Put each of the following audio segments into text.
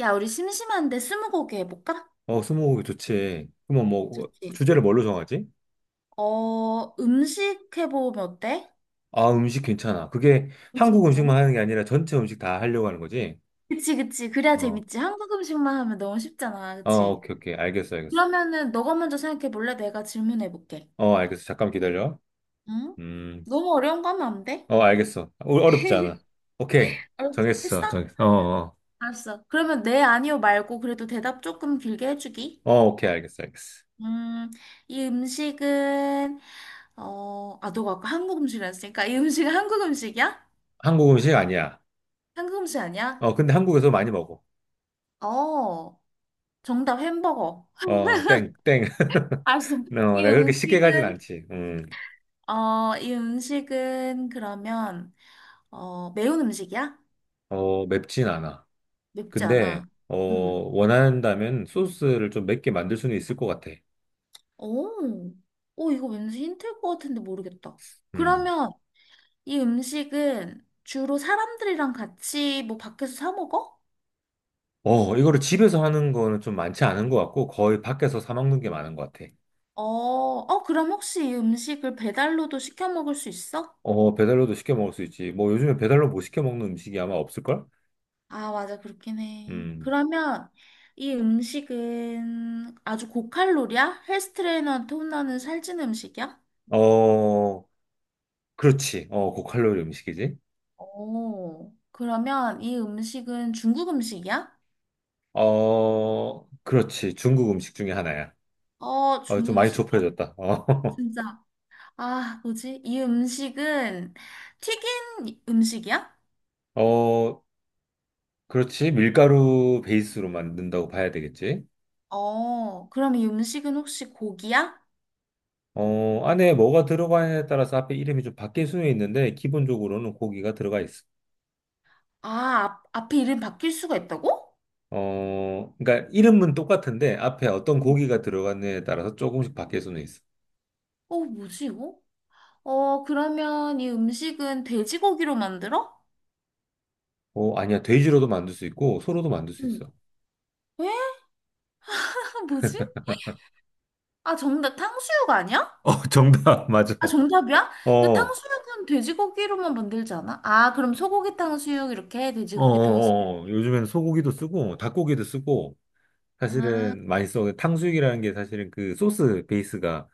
야, 우리 심심한데 스무고개 해볼까? 어, 스무고개 좋지. 그러면 뭐 좋지. 주제를 뭘로 정하지? 어, 음식 해보면 어때? 아, 음식 괜찮아. 그게 음식 한국 괜찮아? 음식만 하는 게 아니라 전체 음식 다 하려고 하는 거지? 그치, 그치. 그래야 어, 재밌지. 한국 음식만 하면 너무 쉽잖아. 어, 그치? 오케이, 오케이. 알겠어, 알겠어. 그러면은 너가 먼저 생각해볼래? 내가 질문해볼게. 어, 알겠어. 잠깐 기다려. 응? 음, 너무 어려운 거 하면 안 돼? 어, 알겠어. 어, 어렵지 않아. 오케이. 정했어, 했어? 정했어. 어, 어. 알았어. 그러면 네, 아니요 말고 그래도 대답 조금 길게 해주기. 어, 오케이, 알겠어, 알겠어. 음, 이 음식은, 어, 아, 너가 아까 한국 음식이라 했으니까 이 음식은 한국 음식이야? 한국 음식 아니야. 한국 음식 아니야? 어, 근데 한국에서 많이 먹어. 어, 정답 햄버거. 어, 땡, 땡. 어, 알 내가 이 그렇게 쉽게 가진 음식은, 않지. 어, 이 음식은 그러면, 어, 매운 음식이야? 어, 맵진 않아. 맵지 근데 않아. 어 음. 원한다면 소스를 좀 맵게 만들 수는 있을 것 같아. 오, 오, 이거 왠지 힌트일 것 같은데 모르겠다. 음. 그러면 이 음식은 주로 사람들이랑 같이 뭐 밖에서 사 먹어? 어 이거를 집에서 하는 거는 좀 많지 않은 것 같고 거의 밖에서 사 먹는 게 많은 것 같아. 어, 어, 그럼 혹시 이 음식을 배달로도 시켜 먹을 수 있어? 어 배달로도 시켜 먹을 수 있지. 뭐 요즘에 배달로 못 시켜 먹는 음식이 아마 없을걸? 아, 맞아. 그렇긴 해. 음. 그러면 이 음식은 아주 고칼로리야? 헬스 트레이너한테 혼나는 살찐 음식이야? 어 그렇지. 어 고칼로리 음식이지. 오, 그러면 이 음식은 중국 음식이야? 어 그렇지. 중국 음식 중에 하나야. 어, 중국 어좀 많이 음식이야? 좁혀졌다. 어. 진짜. 아, 뭐지? 이 음식은 튀긴 음식이야? 어 그렇지. 밀가루 베이스로 만든다고 봐야 되겠지. 어, 그럼 이 음식은 혹시 고기야? 어, 안에 뭐가 들어가냐에 따라서 앞에 이름이 좀 바뀔 수는 있는데, 기본적으로는 고기가 들어가 있어. 아, 앞에 이름 바뀔 수가 있다고? 어, 그러니까 이름은 똑같은데, 앞에 어떤 음. 고기가 들어갔냐에 따라서 조금씩 바뀔 수는 있어. 어, 뭐지, 이거? 어, 그러면 이 음식은 돼지고기로 만들어? 어, 아니야. 돼지로도 만들 수 있고, 소로도 만들 수 응. 있어. 에? 뭐지? 아, 정답 탕수육 아니야? 어, 정답, 맞아. 아, 정답이야? 어, 야, 어, 탕수육은 돼지고기로만 만들지 않아? 아, 그럼 소고기 탕수육 이렇게 어, 돼지고기 탕수육. 어. 어. 요즘에는 소고기도 쓰고, 닭고기도 쓰고, 아, 사실은 맛있어. 탕수육이라는 게 사실은 그 소스 베이스가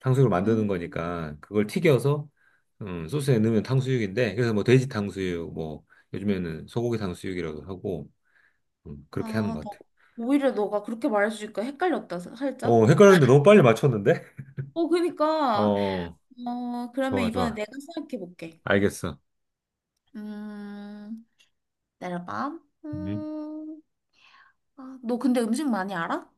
탕수육을 만드는 음. 거니까 그걸 튀겨서 소스에 넣으면 탕수육인데 그래서 뭐 돼지 탕수육 뭐 요즘에는 소고기 탕수육이라고 하고 그렇게 하는 아, 것 나 같아. 오히려 너가 그렇게 말해주니까 헷갈렸다, 살짝. 어, 헷갈렸는데 너무 빨리 맞췄는데? 어, 그니까. 어, 어, 그러면 좋아, 이번에 좋아. 내가 생각해 볼게. 알겠어. 음, 내려봐. 음. 음, 아, 너 근데 음식 많이 알아?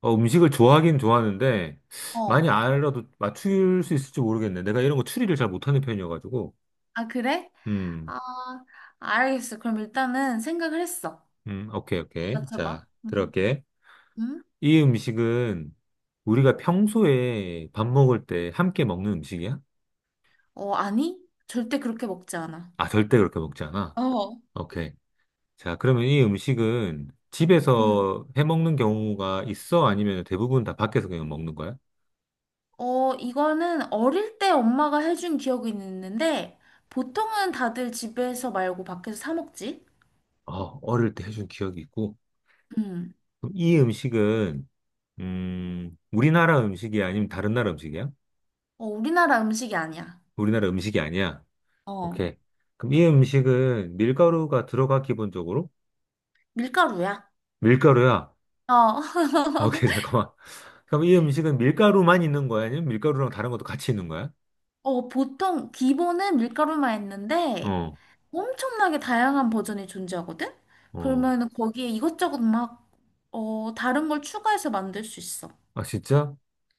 어, 음식을 좋아하긴 좋아하는데 많이 어. 알아도 맞출 수 있을지 모르겠네. 내가 이런 거 추리를 잘 못하는 편이어가지고. 아, 그래? 음, 아, 알겠어. 그럼 일단은 생각을 했어. 오케이, 오케이. 자, 맞춰봐. 음. 들어갈게. 음? 이 음식은 우리가 평소에 밥 먹을 때 함께 먹는 음식이야? 어, 아니? 절대 그렇게 먹지 않아. 아, 절대 그렇게 먹지 않아. 어. 오케이. 자, 그러면 이 음식은 음. 집에서 해 먹는 경우가 있어? 아니면 대부분 다 밖에서 그냥 먹는 거야? 어, 이거는 어릴 때 엄마가 해준 기억이 있는데, 보통은 다들 집에서 말고 밖에서 사 먹지? 어, 어릴 때 해준 기억이 있고. 음. 그럼 이 음식은, 우리나라 음식이야? 아니면 다른 나라 음식이야? 어, 우리나라 음식이 아니야. 우리나라 음식이 아니야. 어, 오케이. 그럼 이 음식은 밀가루가 들어가, 기본적으로? 밀가루야. 밀가루야. 어. 아, 오케이, 잠깐만. 그럼 이 음식은 밀가루만 있는 거야? 아니면 밀가루랑 다른 것도 같이 있는 거야? 어, 보통 기본은 밀가루만 있는데, 어, 엄청나게 다양한 버전이 존재하거든? 어. 그러면 거기에 이것저것 막, 어, 다른 걸 추가해서 만들 수 있어. 아, 진짜?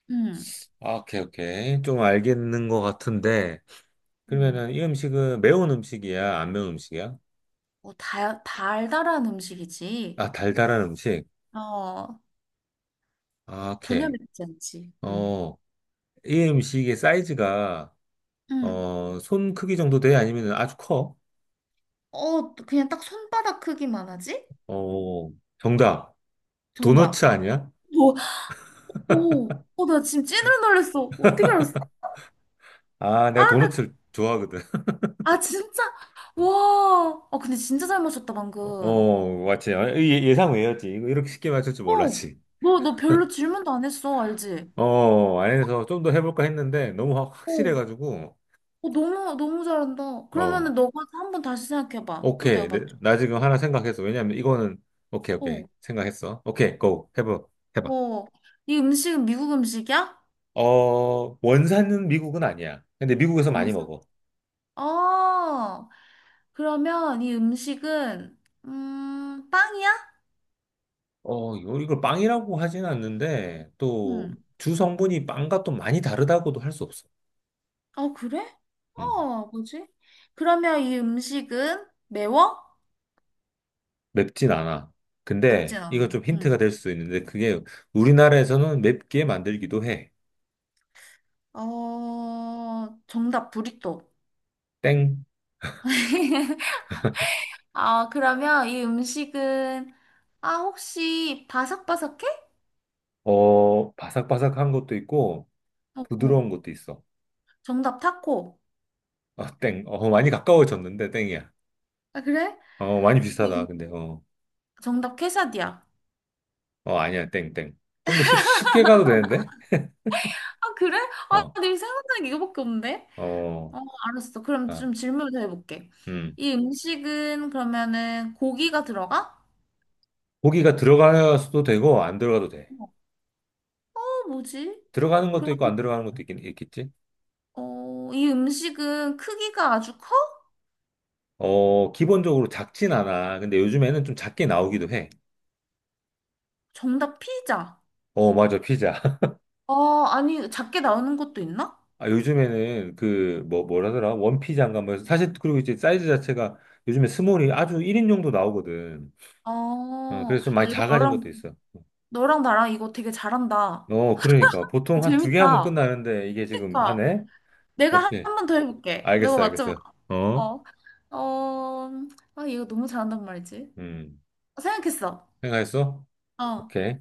음. 아, 오케이, 오케이. 좀 알겠는 것 같은데. 음. 그러면은 이 음식은 매운 음식이야? 안 매운 음식이야? 뭐 달달한 음식이지. 아, 달달한 음식? 어, 아, 전혀 오케이. 맵지 않지. 음. 어, 이 음식의 사이즈가, 음. 어, 손 크기 정도 돼? 아니면 아주 커? 어, 그냥 딱 손바닥 크기만 하지? 어, 정답. 도너츠 정답. 아니야? 뭐, 오, 어, 나 지금 찐으로 놀랬어. 어떻게 알았어? 아, 아, 내가 나, 도너츠를 좋아하거든. 아, 진짜? 와. 아, 근데 진짜 잘 맞췄다, 방금. 어, 맞지. 아, 예상 외였지. 이거 이렇게 쉽게 맞출 줄 어, 몰랐지. 너 별로 질문도 안 했어, 알지? 어, 안에서 좀 더 해볼까 했는데 너무 확- 어, 확실해가지고, 어, 너무, 너무 잘한다. 어, 그러면은 너가 한 번 다시 생각해봐. 또 내가 오케이. 내- 맞춰. 나 지금 하나 생각했어. 왜냐면 이거는, 오케이, 오케이. 어, 생각했어. 오케이, 고. 해봐. 해봐. 어. 이 음식은 미국 음식이야? 어, 원산은 미국은 아니야. 근데 미국에서 많이 원산. 먹어. 어, 그러면 이 음식은, 빵이야? 어, 이걸 빵이라고 하진 않는데, 또, 응. 주 성분이 빵과 또 많이 다르다고도 할 수 없어. 어, 그래? 어, 뭐지? 그러면 이 음식은 매워? 맵진 않아. 맵진 근데 않아. 이거 좀 응. 힌트가 될 수도 있는데 그게 우리나라에서는 맵게 만들기도 해. 어, 정답, 부리또. 땡. 아, 그러면 이 음식은, 아, 혹시 바삭바삭해? 어, 바삭바삭한 것도 있고 어, 어. 부드러운 것도 있어. 정답, 타코. 아, 땡. 어, 많이 가까워졌는데 땡이야. 아, 그래? 어, 많이 이, 비슷하다. 근데 음- 어, 정답, 케사디야. 어 아니야. 땡, 땡. 좀 더 쉽게 가도 되는데? 아, 그래? 아, 어, 내 생각나는 게 이거밖에 없는데? 어, 어, 알았어. 그럼 아, 좀 질문을 더 해볼게. 음. 이 음식은 그러면은 고기가 들어가? 고기가 들어가서도 되고 안 들어가도 돼. 어, 뭐지? 들어가는 것도 그럼, 있고 안 들어가는 것도 있긴 있겠지? 어, 이 음식은 크기가 아주 커? 어, 기본적으로 작진 않아. 근데 요즘에는 좀 작게 나오기도 해. 정답 피자. 어, 맞아, 피자. 어, 아니, 작게 나오는 것도 있나? 아, 요즘에는 그, 뭐, 뭐라더라? 원피장가 뭐, 해서 사실, 그리고 이제 사이즈 자체가 요즘에 스몰이 아주 1인용도 나오거든. 어, 어, 야, 그래서 좀 많이 이거 작아진 너랑, 것도 있어. 너랑 나랑 이거 되게 잘한다. 어, 그러니까. 보통 한 두 개 하면 재밌다. 끝나는데, 이게 지금 그러니까, 하네? 내가 오케이. 한 번 더 해볼게. 너가 알겠어, 맞춰봐. 알겠어. 어? 어, 어, 아, 얘가 너무 잘한단 말이지. 음. 생각했어. 생각했어? 어. 오케이.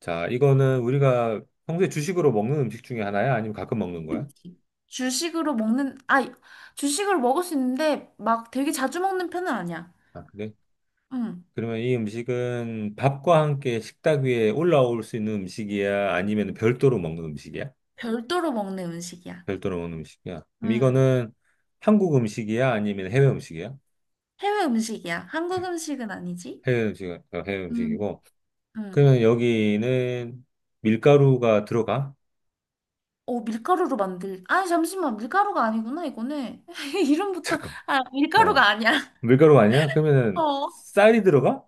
자, 이거는 우리가 평소에 주식으로 먹는 음식 중에 하나야? 아니면 가끔 먹는 거야? 그치. 주식으로 먹는, 아, 주식으로 먹을 수 있는데 막 되게 자주 먹는 편은 아니야. 아, 그래? 응. 그러면 이 음식은 밥과 함께 식탁 위에 올라올 수 있는 음식이야? 아니면 별도로 먹는 음식이야? 별도로 먹는 음식이야. 별도로 먹는 음식이야. 그럼 응. 이거는 한국 음식이야? 아니면 해외 음식이야? 해외 음식이야. 한국 음식은 아니지? 해외 음식, 어, 해외 응. 음식이고. 응. 그러면 여기는 밀가루가 들어가? 어, 밀가루로 만들, 아, 잠시만. 밀가루가 아니구나, 이거는. 이름부터, 잠깐. 아, 어, 밀가루가 아니야. 밀가루 아니야? 어, 그러면은 어, 쌀이 들어가?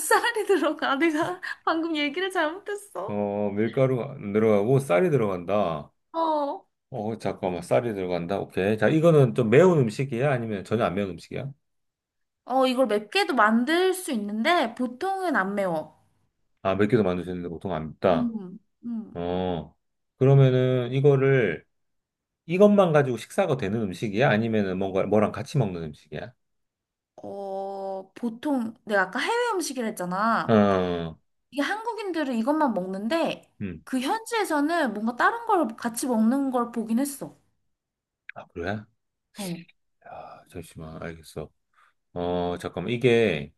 쌀이 들어가. 내가 방금 얘기를 잘못했어. 어, 밀가루가 안 들어가고 쌀이 들어간다. 어. 어, 잠깐만, 쌀이 들어간다. 오케이. 자, 이거는 좀 매운 음식이야? 아니면 전혀 안 매운 음식이야? 어, 이걸 맵게도 만들 수 있는데 보통은 안 매워. 아, 맵기도 만들 수 있는데 보통 안 맵다. 음. 음. 어, 그러면은 이거를 이것만 가지고 식사가 되는 음식이야? 아니면은 뭔가 뭐랑 같이 먹는 음식이야? 어, 보통 내가 아까 해외 음식이라 했잖아. 어, 이게 한국인들은 이것만 먹는데 음. 그 현지에서는 뭔가 다른 걸 같이 먹는 걸 보긴 했어. 아, 그래? 어. 야, 잠시만, 알겠어. 어, 잠깐만, 이게,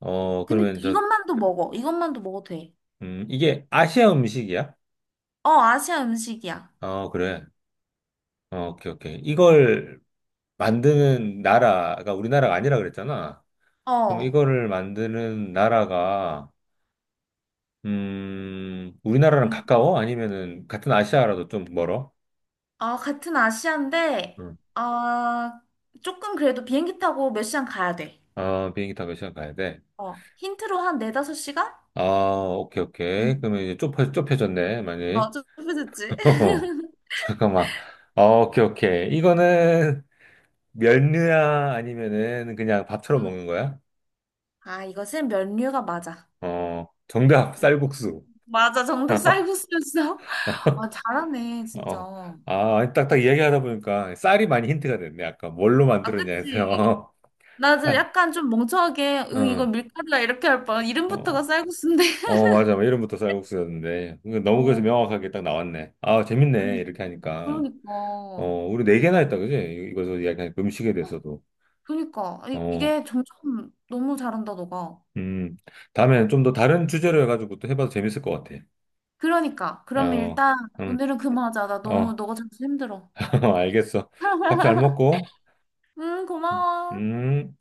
어, 근데 그러면 저, 이것만도 먹어. 이것만도 먹어도 돼. 이게 아시아 음식이야? 어, 아시아 음식이야. 어, 그래. 어, 오케이, 오케이. 이걸 만드는 나라가 우리나라가 아니라 그랬잖아. 그럼 어. 이거를 만드는 나라가, 우리나라랑 음. 가까워? 아니면은 같은 아시아라도 좀 멀어? 아, 같은 아시아인데 응. 아, 조금 그래도 비행기 타고 몇 시간 가야 돼. 어, 비행기 타고 시간 가야 돼. 어. 힌트로 한 네다섯 시간? 아, 오케이, 오케이. 응. 그러면 이제 좁혀졌네, 많이. 어, 좀 좁혀졌지? 잠깐만. 아, 오케이, 오케이. 이거는 면류야 아니면은 그냥 밥처럼 응. 먹는 거야? 아, 이것은 면류가 맞아. 어, 정답, 응. 쌀국수. 맞아, 정답 쌀국수였어? 아, 잘하네, 진짜. 어, 아, 딱딱 이야기하다 보니까 쌀이 많이 힌트가 됐네. 아까 뭘로 아, 만들었냐 그치? 해서. 나도 쌀, 약간 좀 멍청하게, 응, 이거 어, 밀가루야, 이렇게 할 뻔. 이름부터가 어, 쌀국수인데. 어, 맞아. 뭐 이름부터 쌀국수였는데. 이거 너무 그래서 어, 명확하게 딱 나왔네. 아, 재밌네. 아니, 이렇게 하니까. 어, 그러니까. 우리 네 개나 했다, 그지? 이거서 약간 음식에 대해서도. 그러니까. 아니, 어, 이게 점점 너무 잘한다, 너가. 음. 다음엔 좀 더 다른 주제로 해가지고 또 해봐도 재밌을 것 같아. 그러니까. 그러면 어, 일단, 음, 오늘은 그만하자. 나 너무, 어, 너가 자꾸 힘들어. 알겠어. 밥 잘 먹고, 응, 고마워. 음.